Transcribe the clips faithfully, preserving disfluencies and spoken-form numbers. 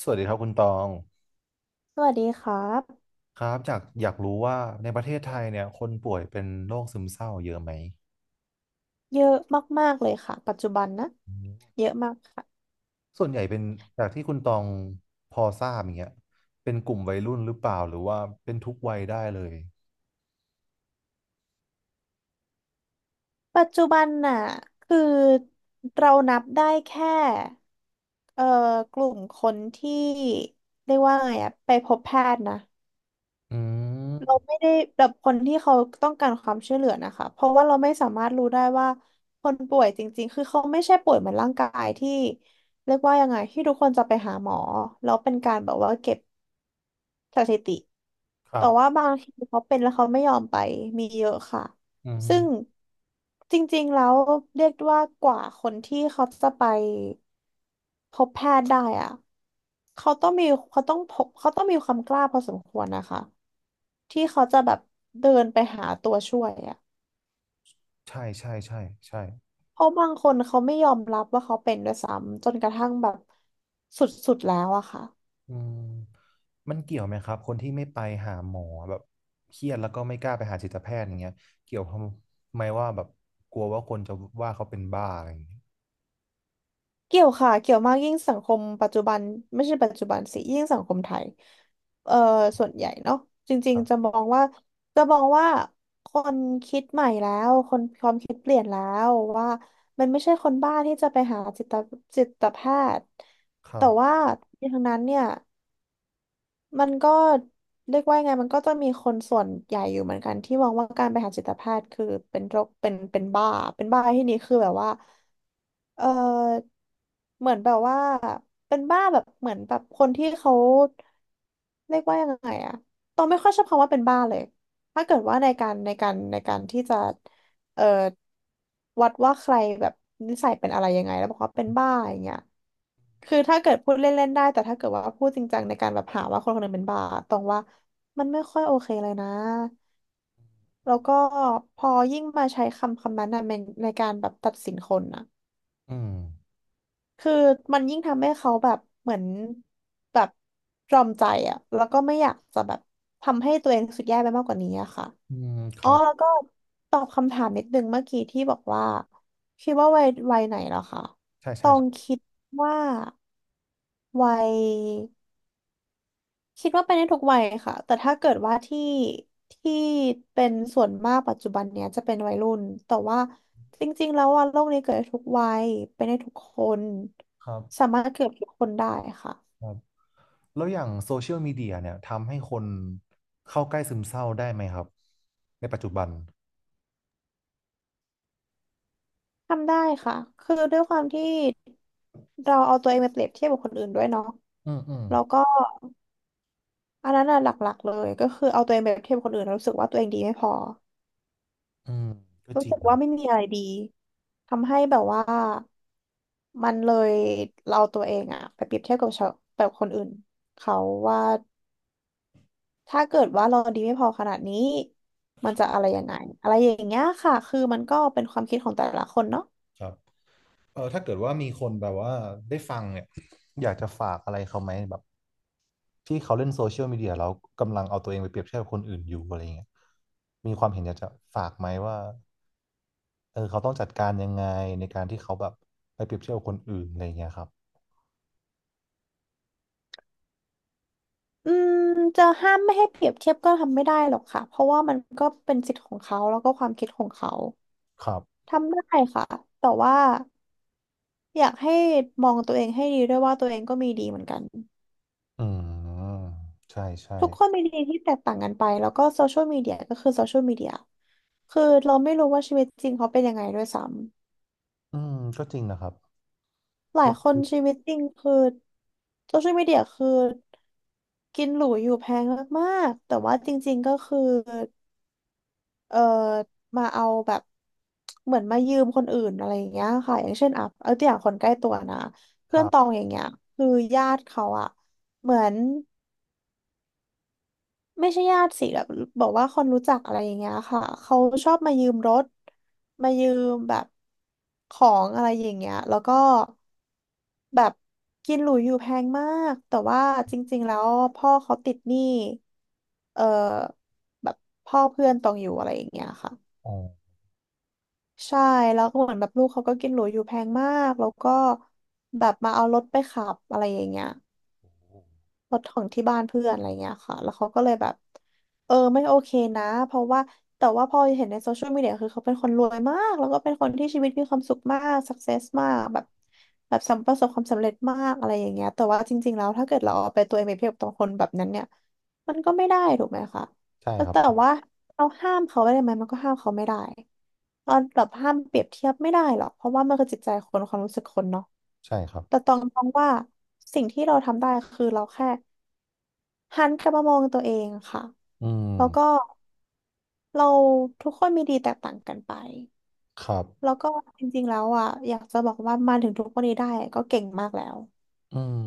สวัสดีครับคุณตองสวัสดีครับครับจากอยากรู้ว่าในประเทศไทยเนี่ยคนป่วยเป็นโรคซึมเศร้าเยอะไหมเยอะมากๆเลยค่ะปัจจุบันนะอืมเยอะมากค่ะส่วนใหญ่เป็นจากที่คุณตองพอทราบอย่างเงี้ยเป็นกลุ่มวัยรุ่นหรือเปล่าหรือว่าเป็นทุกวัยได้เลยปัจจุบันน่ะคือเรานับได้แค่เอ่อกลุ่มคนที่เรียกว่าไงอะไปพบแพทย์นะอืเรามไม่ได้แบบคนที่เขาต้องการความช่วยเหลือนะคะเพราะว่าเราไม่สามารถรู้ได้ว่าคนป่วยจริงๆคือเขาไม่ใช่ป่วยเหมือนร่างกายที่เรียกว่ายังไงที่ทุกคนจะไปหาหมอแล้วเป็นการแบบว่าเก็บ สถิติครัแต่บว่าบางทีเขาเป็นแล้วเขาไม่ยอมไปมีเยอะค่ะ อืซึ่งมจริงๆแล้วเรียกว่ากว่าคนที่เขาจะไปพบแพทย์ได้อะเขาต้องมีเขาต้องพบเขาต้องมีความกล้าพอสมควรนะคะที่เขาจะแบบเดินไปหาตัวช่วยอะใช่ใช่ใช่ใช่เพราะบางคนเขาไม่ยอมรับว่าเขาเป็นด้วยซ้ำจนกระทั่งแบบสุดๆแล้วอะค่ะ อืมมันเกี่ยวไหมครับคนที่ไม่ไปหาหมอแบบเครียดแล้วก็ไม่กล้าไปหาจิตแพทย์อย่างเงี้ยเกี่ยวทำไมว่าแบบกลัวว่าคนจะว่าเขาเป็นบ้าอะไรอย่างเงี้ยเกี่ยวค่ะเกี่ยวมากยิ่งสังคมปัจจุบันไม่ใช่ปัจจุบันสิยิ่งสังคมไทยเอ่อส่วนใหญ่เนาะจริคงรัๆจะบมองว่าจะมองว่าคนคิดใหม่แล้วคนความคิดเปลี่ยนแล้วว่ามันไม่ใช่คนบ้าที่จะไปหาจิตจิตแพทย์ครัแต่บว่าทั้งนั้นเนี่ยมันก็เรียกว่ายังไงมันก็จะมีคนส่วนใหญ่อยู่เหมือนกันที่มองว่าการไปหาจิตแพทย์คือเป็นโรคเป็นเป็นบ้าเป็นบ้าที่นี้คือแบบว่า เออเหมือนแบบว่าเป็นบ้าแบบเหมือนแบบคนที่เขาเรียกว่ายังไงอะตองไม่ค่อยชอบคำว่าเป็นบ้าเลยถ้าเกิดว่าในการในการในการที่จะเออวัดว่าใครแบบนิสัยเป็นอะไรยังไงแล้วบอกว่าเป็นบ้าอย่างเงี้ยคือถ้าเกิดพูดเล่นๆได้แต่ถ้าเกิดว่าพูดจริงจังในการแบบหาว่าคนคนหนึงเป็นบ้าตรงว่ามันไม่ค่อยโอเคเลยนะแล้วก็พอยิ่งมาใช้คำคำนั้นนะในในการแบบตัดสินคนนะ อืม คือมันยิ่งทำให้เขาแบบเหมือนแบบตรอมใจอะแล้วก็ไม่อยากจะแบบทำให้ตัวเองรู้สุดแย่ไปมากกว่านี้อะค่ะอืมคอ๋อรับแล้วก็ตอบคำถามนิดนึงเมื่อกี้ที่บอกว่าคิดว่าวัยวัยไหนเหรอคะใช่ตใช่อคงรัคิดว่าวัย คิดว่าไปได้ทุกวัยค่ะแต่ถ้าเกิดว่าที่ที่เป็นส่วนมากปัจจุบันเนี้ยจะเป็นวัยรุ่นแต่ว่าจริงๆแล้วว่าโลกนี้เกิดได้ทุกวัยเป็นได้ทุกคนบสามารถเกิดทุกบคนได้ค่ะครับแล้วอย่างโซเชียลมีเดียเนี่ยทำให้คนเข้าใกล้ซึมเศร้าได้ไหมครับในปัจจุบันทำได้ค่ะคือด้วยความที่เราเอาตัวเองไปเปรียบเทียบกับคนอื่นด้วยเนาะอืมอืมแล้วก็อันนั้นน่ะหลักๆเลยก็คือเอาตัวเองไปเปรียบเทียบกับคนอื่นแล้วรู้สึกว่าตัวเองดีไม่พอ อืมก็จรู้ริงสึกนะว่าไม่มีอะไรดีทำให้แบบว่ามันเลยเราตัวเองอะไปเปรียบเทียบกับชาวแบบคนอื่นเขาว่าถ้าเกิดว่าเราดีไม่พอขนาดนี้มันจะอะไรยังไงอะไรอย่างเงี้ยค่ะคือมันก็เป็นความคิดของแต่ละคนเนาะครับเออถ้าเกิดว่ามีคนแบบว่าได้ฟังเนี่ยอยากจะฝากอะไรเขาไหมแบบที่เขาเล่นโซเชียลมีเดียแล้วกำลังเอาตัวเองไปเปรียบเทียบกับคนอื่นอยู่อะไรเงี้ยมีความเห็นอยากจะฝากไหมว่าเออเขาต้องจัดการยังไงในการที่เขาแบบไปเปรียบเทียบกับคนอื่นอะไรเงี้ยครับอืมจะห้ามไม่ให้เปรียบเทียบก็ทำไม่ได้หรอกค่ะเพราะว่ามันก็เป็นสิทธิ์ของเขาแล้วก็ความคิดของเขาครับทำได้ค่ะแต่ว่าอยากให้มองตัวเองให้ดีด้วยว่าตัวเองก็มีดีเหมือนกัน อืมใช่ใช่ ทุกคนมีดีที่แตกต่างกันไปแล้วก็โซเชียลมีเดียก็คือโซเชียลมีเดียคือเราไม่รู้ว่าชีวิตจริงเขาเป็นยังไงด้วยซ้ำอืมก็จริงนะครับหลาลยองคนชีดูวิตจริงคือโซเชียลมีเดียคือกินหรูอยู่แพงมากๆแต่ว่าจริงๆก็คือเออมาเอาแบบเหมือนมายืมคนอื่นอะไรอย่างเงี้ยค่ะอย่างเช่นอ่ะเอาตัวอย่างคนใกล้ตัวนะคเพื่อนรัตอบงอย่างเงี้ยคือญาติเขาอะเหมือน ไม่ใช่ญาติสิแบบบอกว่าคนรู้จักอะไรอย่างเงี้ยค่ะเขาชอบมายืมรถมายืมแบบของอะไรอย่างเงี้ยแล้วก็แบบกินหรูอยู่แพงมากแต่ว่าจริงๆแล้วพ่อเขาติดหนี้เออแบบพ่อเพื่อนตองอยู่อะไรอย่างเงี้ยค่ะอ๋อใช่แล้วก็เหมือนแบบลูกเขาก็กินหรูอยู่แพงมากแล้วก็แบบมาเอารถไปขับอะไรอย่างเงี้ย รถของที่บ้านเพื่อนอะไรเงี้ยค่ะแล้วเขาก็เลยแบบเออไม่โอเคนะเพราะว่าแต่ว่าพอเห็นในโซเชียลมีเดียคือเขาเป็นคนรวยมากแล้วก็เป็นคนที่ชีวิตมีความสุขมากสักเซสมากแบบแบบสำประสบความสำเร็จมากอะไรอย่างเงี้ยแต่ว่าจริงๆแล้วถ้าเกิดเราเอาไปตัวเองไปเปรียบกับคนแบบนั้นเนี่ยมันก็ไม่ได้ถูกไหมคะใช่แล้วครับแต่ว่าเราห้ามเขาไว้ได้ไหมมันก็ห้ามเขาไม่ได้เราแบบห้ามเปรียบเทียบไม่ได้หรอกเพราะว่ามันคือจิตใจคนความรู้สึกคนเนาะ ใช่ครับแต่ตองมองว่าสิ่งที่เราทำได้คือเราแค่หันกลับมามองตัวเองค่ะอืมแล้วก็เราทุกคนมีดีแตกต่างกันไปครับแล้วก็จริงๆแล้วอ่ะอยากจะบอกว่ามาถึงทุกวันนี้ได้ก็เก่งมากแล้วอืม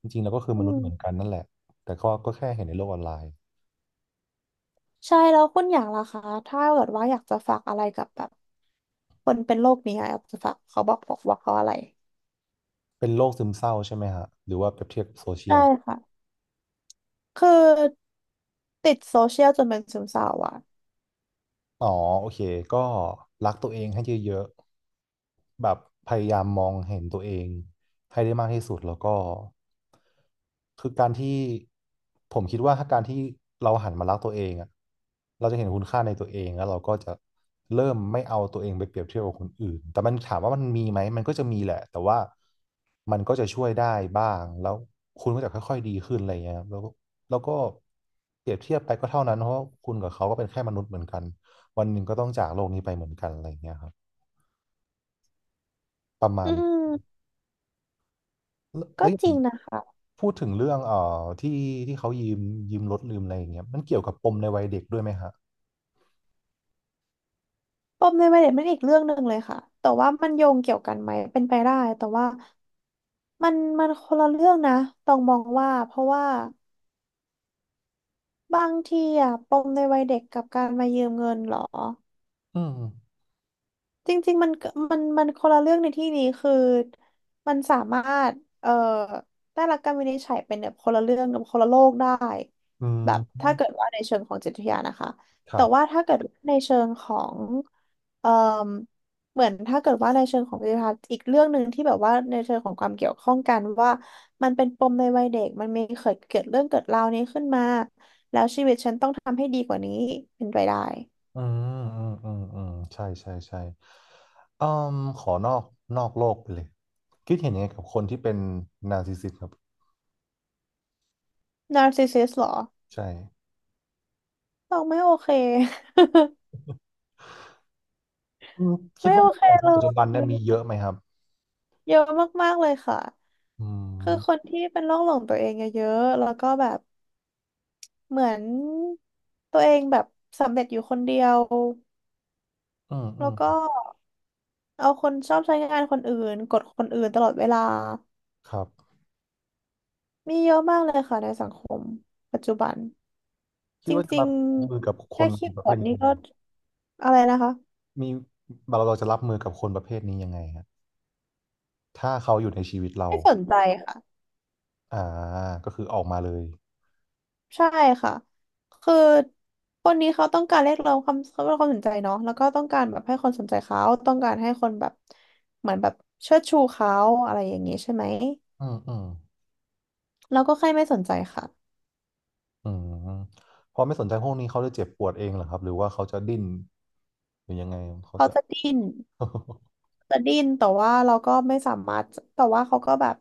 จริงๆแล้วก็คืออืมนุษมย์เหมือนกันนั่นแหละแต่ก็ก็แค่เห็นในโลกออนไลน์ใช่แล้วคุณอย่างล่ะคะถ้าเกิดว่าอยากจะฝากอะไรกับแบบคนเป็นโรคนี้อะอยากจะฝากเขาบอกบอกว่าเขาอะไรเป็นโรคซึมเศร้าใช่ไหมฮะหรือว่าเปรียบเทียบกับโซเชียใช่ล ค่ะคือติดโซเชียลจนเป็นซึมเศร้าอ่ะอ๋อโอเคก็รักตัวเองให้เยอะๆแบบพยายามมองเห็นตัวเองให้ได้มากที่สุดแล้วก็คือการที่ผมคิดว่าถ้าการที่เราหันมารักตัวเองอะเราจะเห็นคุณค่าในตัวเองแล้วเราก็จะเริ่มไม่เอาตัวเองไปเปรียบเทียบกับคนอื่นแต่มันถามว่ามันมีไหมมันก็จะมีแหละแต่ว่ามันก็จะช่วยได้บ้างแล้วคุณก็จะค่อยๆดีขึ้นอะไรเงี้ยครับแล้วก็แล้วก็เปรียบเทียบไปก็เท่านั้นเพราะว่าคุณกับเขาก็เป็นแค่มนุษย์เหมือนกัน วันหนึ่งก็ต้องจากโลกนี้ไปเหมือนกันอะไรเงี้ยครับประมาอืณมแล้วแล้ก็วอย่างจริงนะคะ พูดถึงเรื่องเอ่อที่ที่เขายืมยืมรถลืมอะไรอย่างเงี้ยมันเกี่ยวกับปมในวัยเด็กด้วยไหมฮะปมในวัยเด็กเป็นอีกเรื่องหนึ่งเลยค่ะ แต่ว่ามันโยงเกี่ยวกันไหมเป็นไปได้แต่ว่ามันมันคนละเรื่องนะ ต้องมองว่าเพราะว่าบางทีอะปมในวัยเด็กกับการมายืมเงินเหรอ อืมจริงๆ มันก็มันมันคนละเรื่องในที่นี้คือมันสามารถเอ่อได้รับการวินิจฉัยเป็นแบบคนละเรื่องกับคนละโลกได้อืแบมบถ้าเกิดว่าในเชิงของจิตวิทยานะคะครัแต่ว่าบถ้าเกิดในเชิงของเอ่อเหมือนถ้าเกิดว่าในเชิงของจิตวิทยาอีกเรื่องหนึ่งที่แบบว่าในเชิงของความเกี่ยวข้องกันว่ามันเป็นปมในวัยเด็กมันมีเกิดเกิดเรื่องเกิดราวนี้ขึ้นมาแล้วชีวิตฉันต้องทำให้ดีกว่านี้เป็นไปได้อืมอืมอืมอืมใช่ใช่ใช่อืมขอนอกนอกโลกไปเลยคิดเห็นยังไงกับคนที่เป็นนาร์ซิสซิสต์ครับนาร์ซิสซิสเหรอใช่บอกไม่โอเค อืมคิดไม่ว่าโอในเคสังคเลมปัจจุบันเนี่ยมียเยอะไหมครับเยอะมากๆเลยค่ะอืคือมคนที่เป็นโรคหลงตัวเองเยอะๆแล้วก็แบบเหมือนตัวเองแบบสำเร็จอยู่คนเดียวอืมอืแล้วมก็เอาคนชอบใช้งานคนอื่นกดคนอื่นตลอดเวลาครับมีเยอะมากเลยค่ะในสังคมปัจจุบันคิจดว่าจะริรังบมือกับๆคแค่นคีย์ประบเภอร์ทดนี้นี่ยังไง ก็อะไรนะคะมีเราเราจะรับมือกับคนประเภทนี้ยังไงฮะถ้าเขาอยู่ในชีวิตเราไม่สนใจค่ะ อ่าก็คือออกมาเลยใช่ค่ะคือคนนี้เขาต้องการเรียกร้องความเขาเรียกร้องความสนใจเนาะแล้วก็ต้องการแบบให้คนสนใจเขาต้องการให้คนแบบเหมือนแบบเชิดชูเขาอะไรอย่างนี้ใช่ไหมอืมอืมเราก็แค่ไม่สนใจค่ะอืมพอไม่สนใจพวกนี้เขาจะเจ็บปวดเองเหรอครับหรือว่าเขาจะดิ้นหรือยังไงเขาเขาจะ จะดิ้น จะดิ้นแต่ว่าเราก็ไม่สามารถแต่ว่าเขาก็แบบ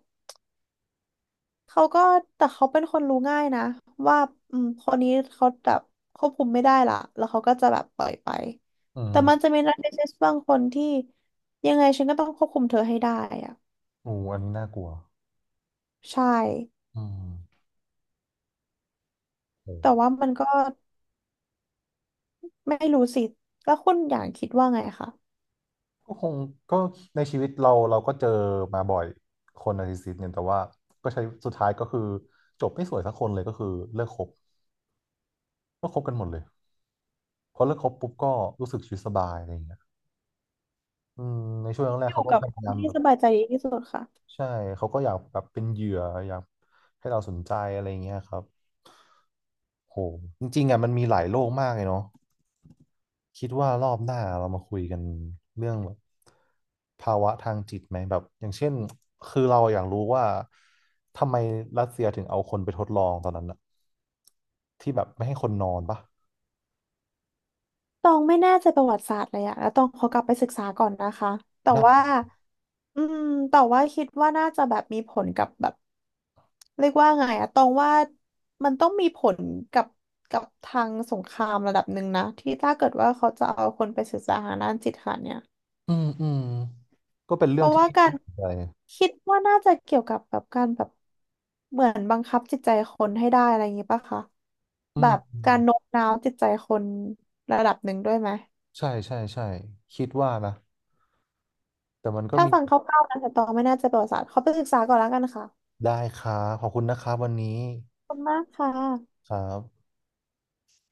เขาก็แต่เขาเป็นคนรู้ง่ายนะว่าอืมคนนี้เขาแบบควบคุมไม่ได้ละแล้วเขาก็จะแบบปล่อยไปอืแต่มมันจะมีนักเทนนิสบางคนที่ยังไงฉันก็ต้องควบคุมเธอให้ได้อะ โอ้อันนี้น่ากลัวใช่ อืมโอแต่้ว่ามันก็ไม่รู้สิ แล้วคุณอย่างคิดว่าไงคะ ก็คงก็ในชีวิตเราเราก็เจอมาบ่อยคนนาร์ซิสซิสต์เนี่ยแต่ว่าก็ใช้สุดท้ายก็คือจบไม่สวยสักคนเลยก็คือเลิกคบก็คบกันหมดเลยพอเลิกคบปุ๊บก็รู้สึกชีวิตสบายอะไรอย่างเงี้ย อืมในช่วงแรอกๆยู่เขาก็กับพคยานยามที่แบบสบายใจดีที่สุดค่ะใช่เขาก็อยากแบบเป็นเหยื่ออยากให้เราสนใจอะไรเงี้ยครับโหจริงๆอ่ะมันมีหลายโลกมากเลยเนาะคิดว่ารอบหน้าเรามาคุยกันเรื่องแบบภาวะทางจิตไหมแบบอย่างเช่นคือเราอยากรู้ว่าทำไมรัสเซียถึงเอาคนไปทดลองตอนนั้นอะที่แบบไม่ให้คนนอนปะตองไม่แน่ใจประวัติศาสตร์เลยอะแล้วตองขอกลับไปศึกษาก่อนนะคะ แต่ได้ว่าอืมแต่ว่าคิดว่าน่าจะแบบมีผลกับแบบเรียกว่าไงอะตองว่ามันต้องมีผลกับกับทางสงครามระดับหนึ่งนะที่ถ้าเกิดว่าเขาจะเอาคนไปศึกษาทางด้านจิตค่ะเนี่ย อืมอืมก็เป็นเพเรื่องราะที่ ว่ากา รน่าสนใจคิดว่าน่าจะเกี่ยวกับแบบการแบบเหมือนบังคับจิตใจคนให้ได้อะไรอย่างงี้ปะคะอืแบมบอืมการโน้มน้าวจิตใจคนระดับหนึ่งด้วยไหมใช่ใช่ใช่คิดว่านะแต่มันก็ถ้ามี ฟังคร่าวๆนะแต่ตองไม่น่าจะประวัติศาสตร์ขอไปศึกษาก่อนแล้วกันค่ะได้ครับขอบคุณนะครับวันนี้ขอบคุณมากค่ะครับ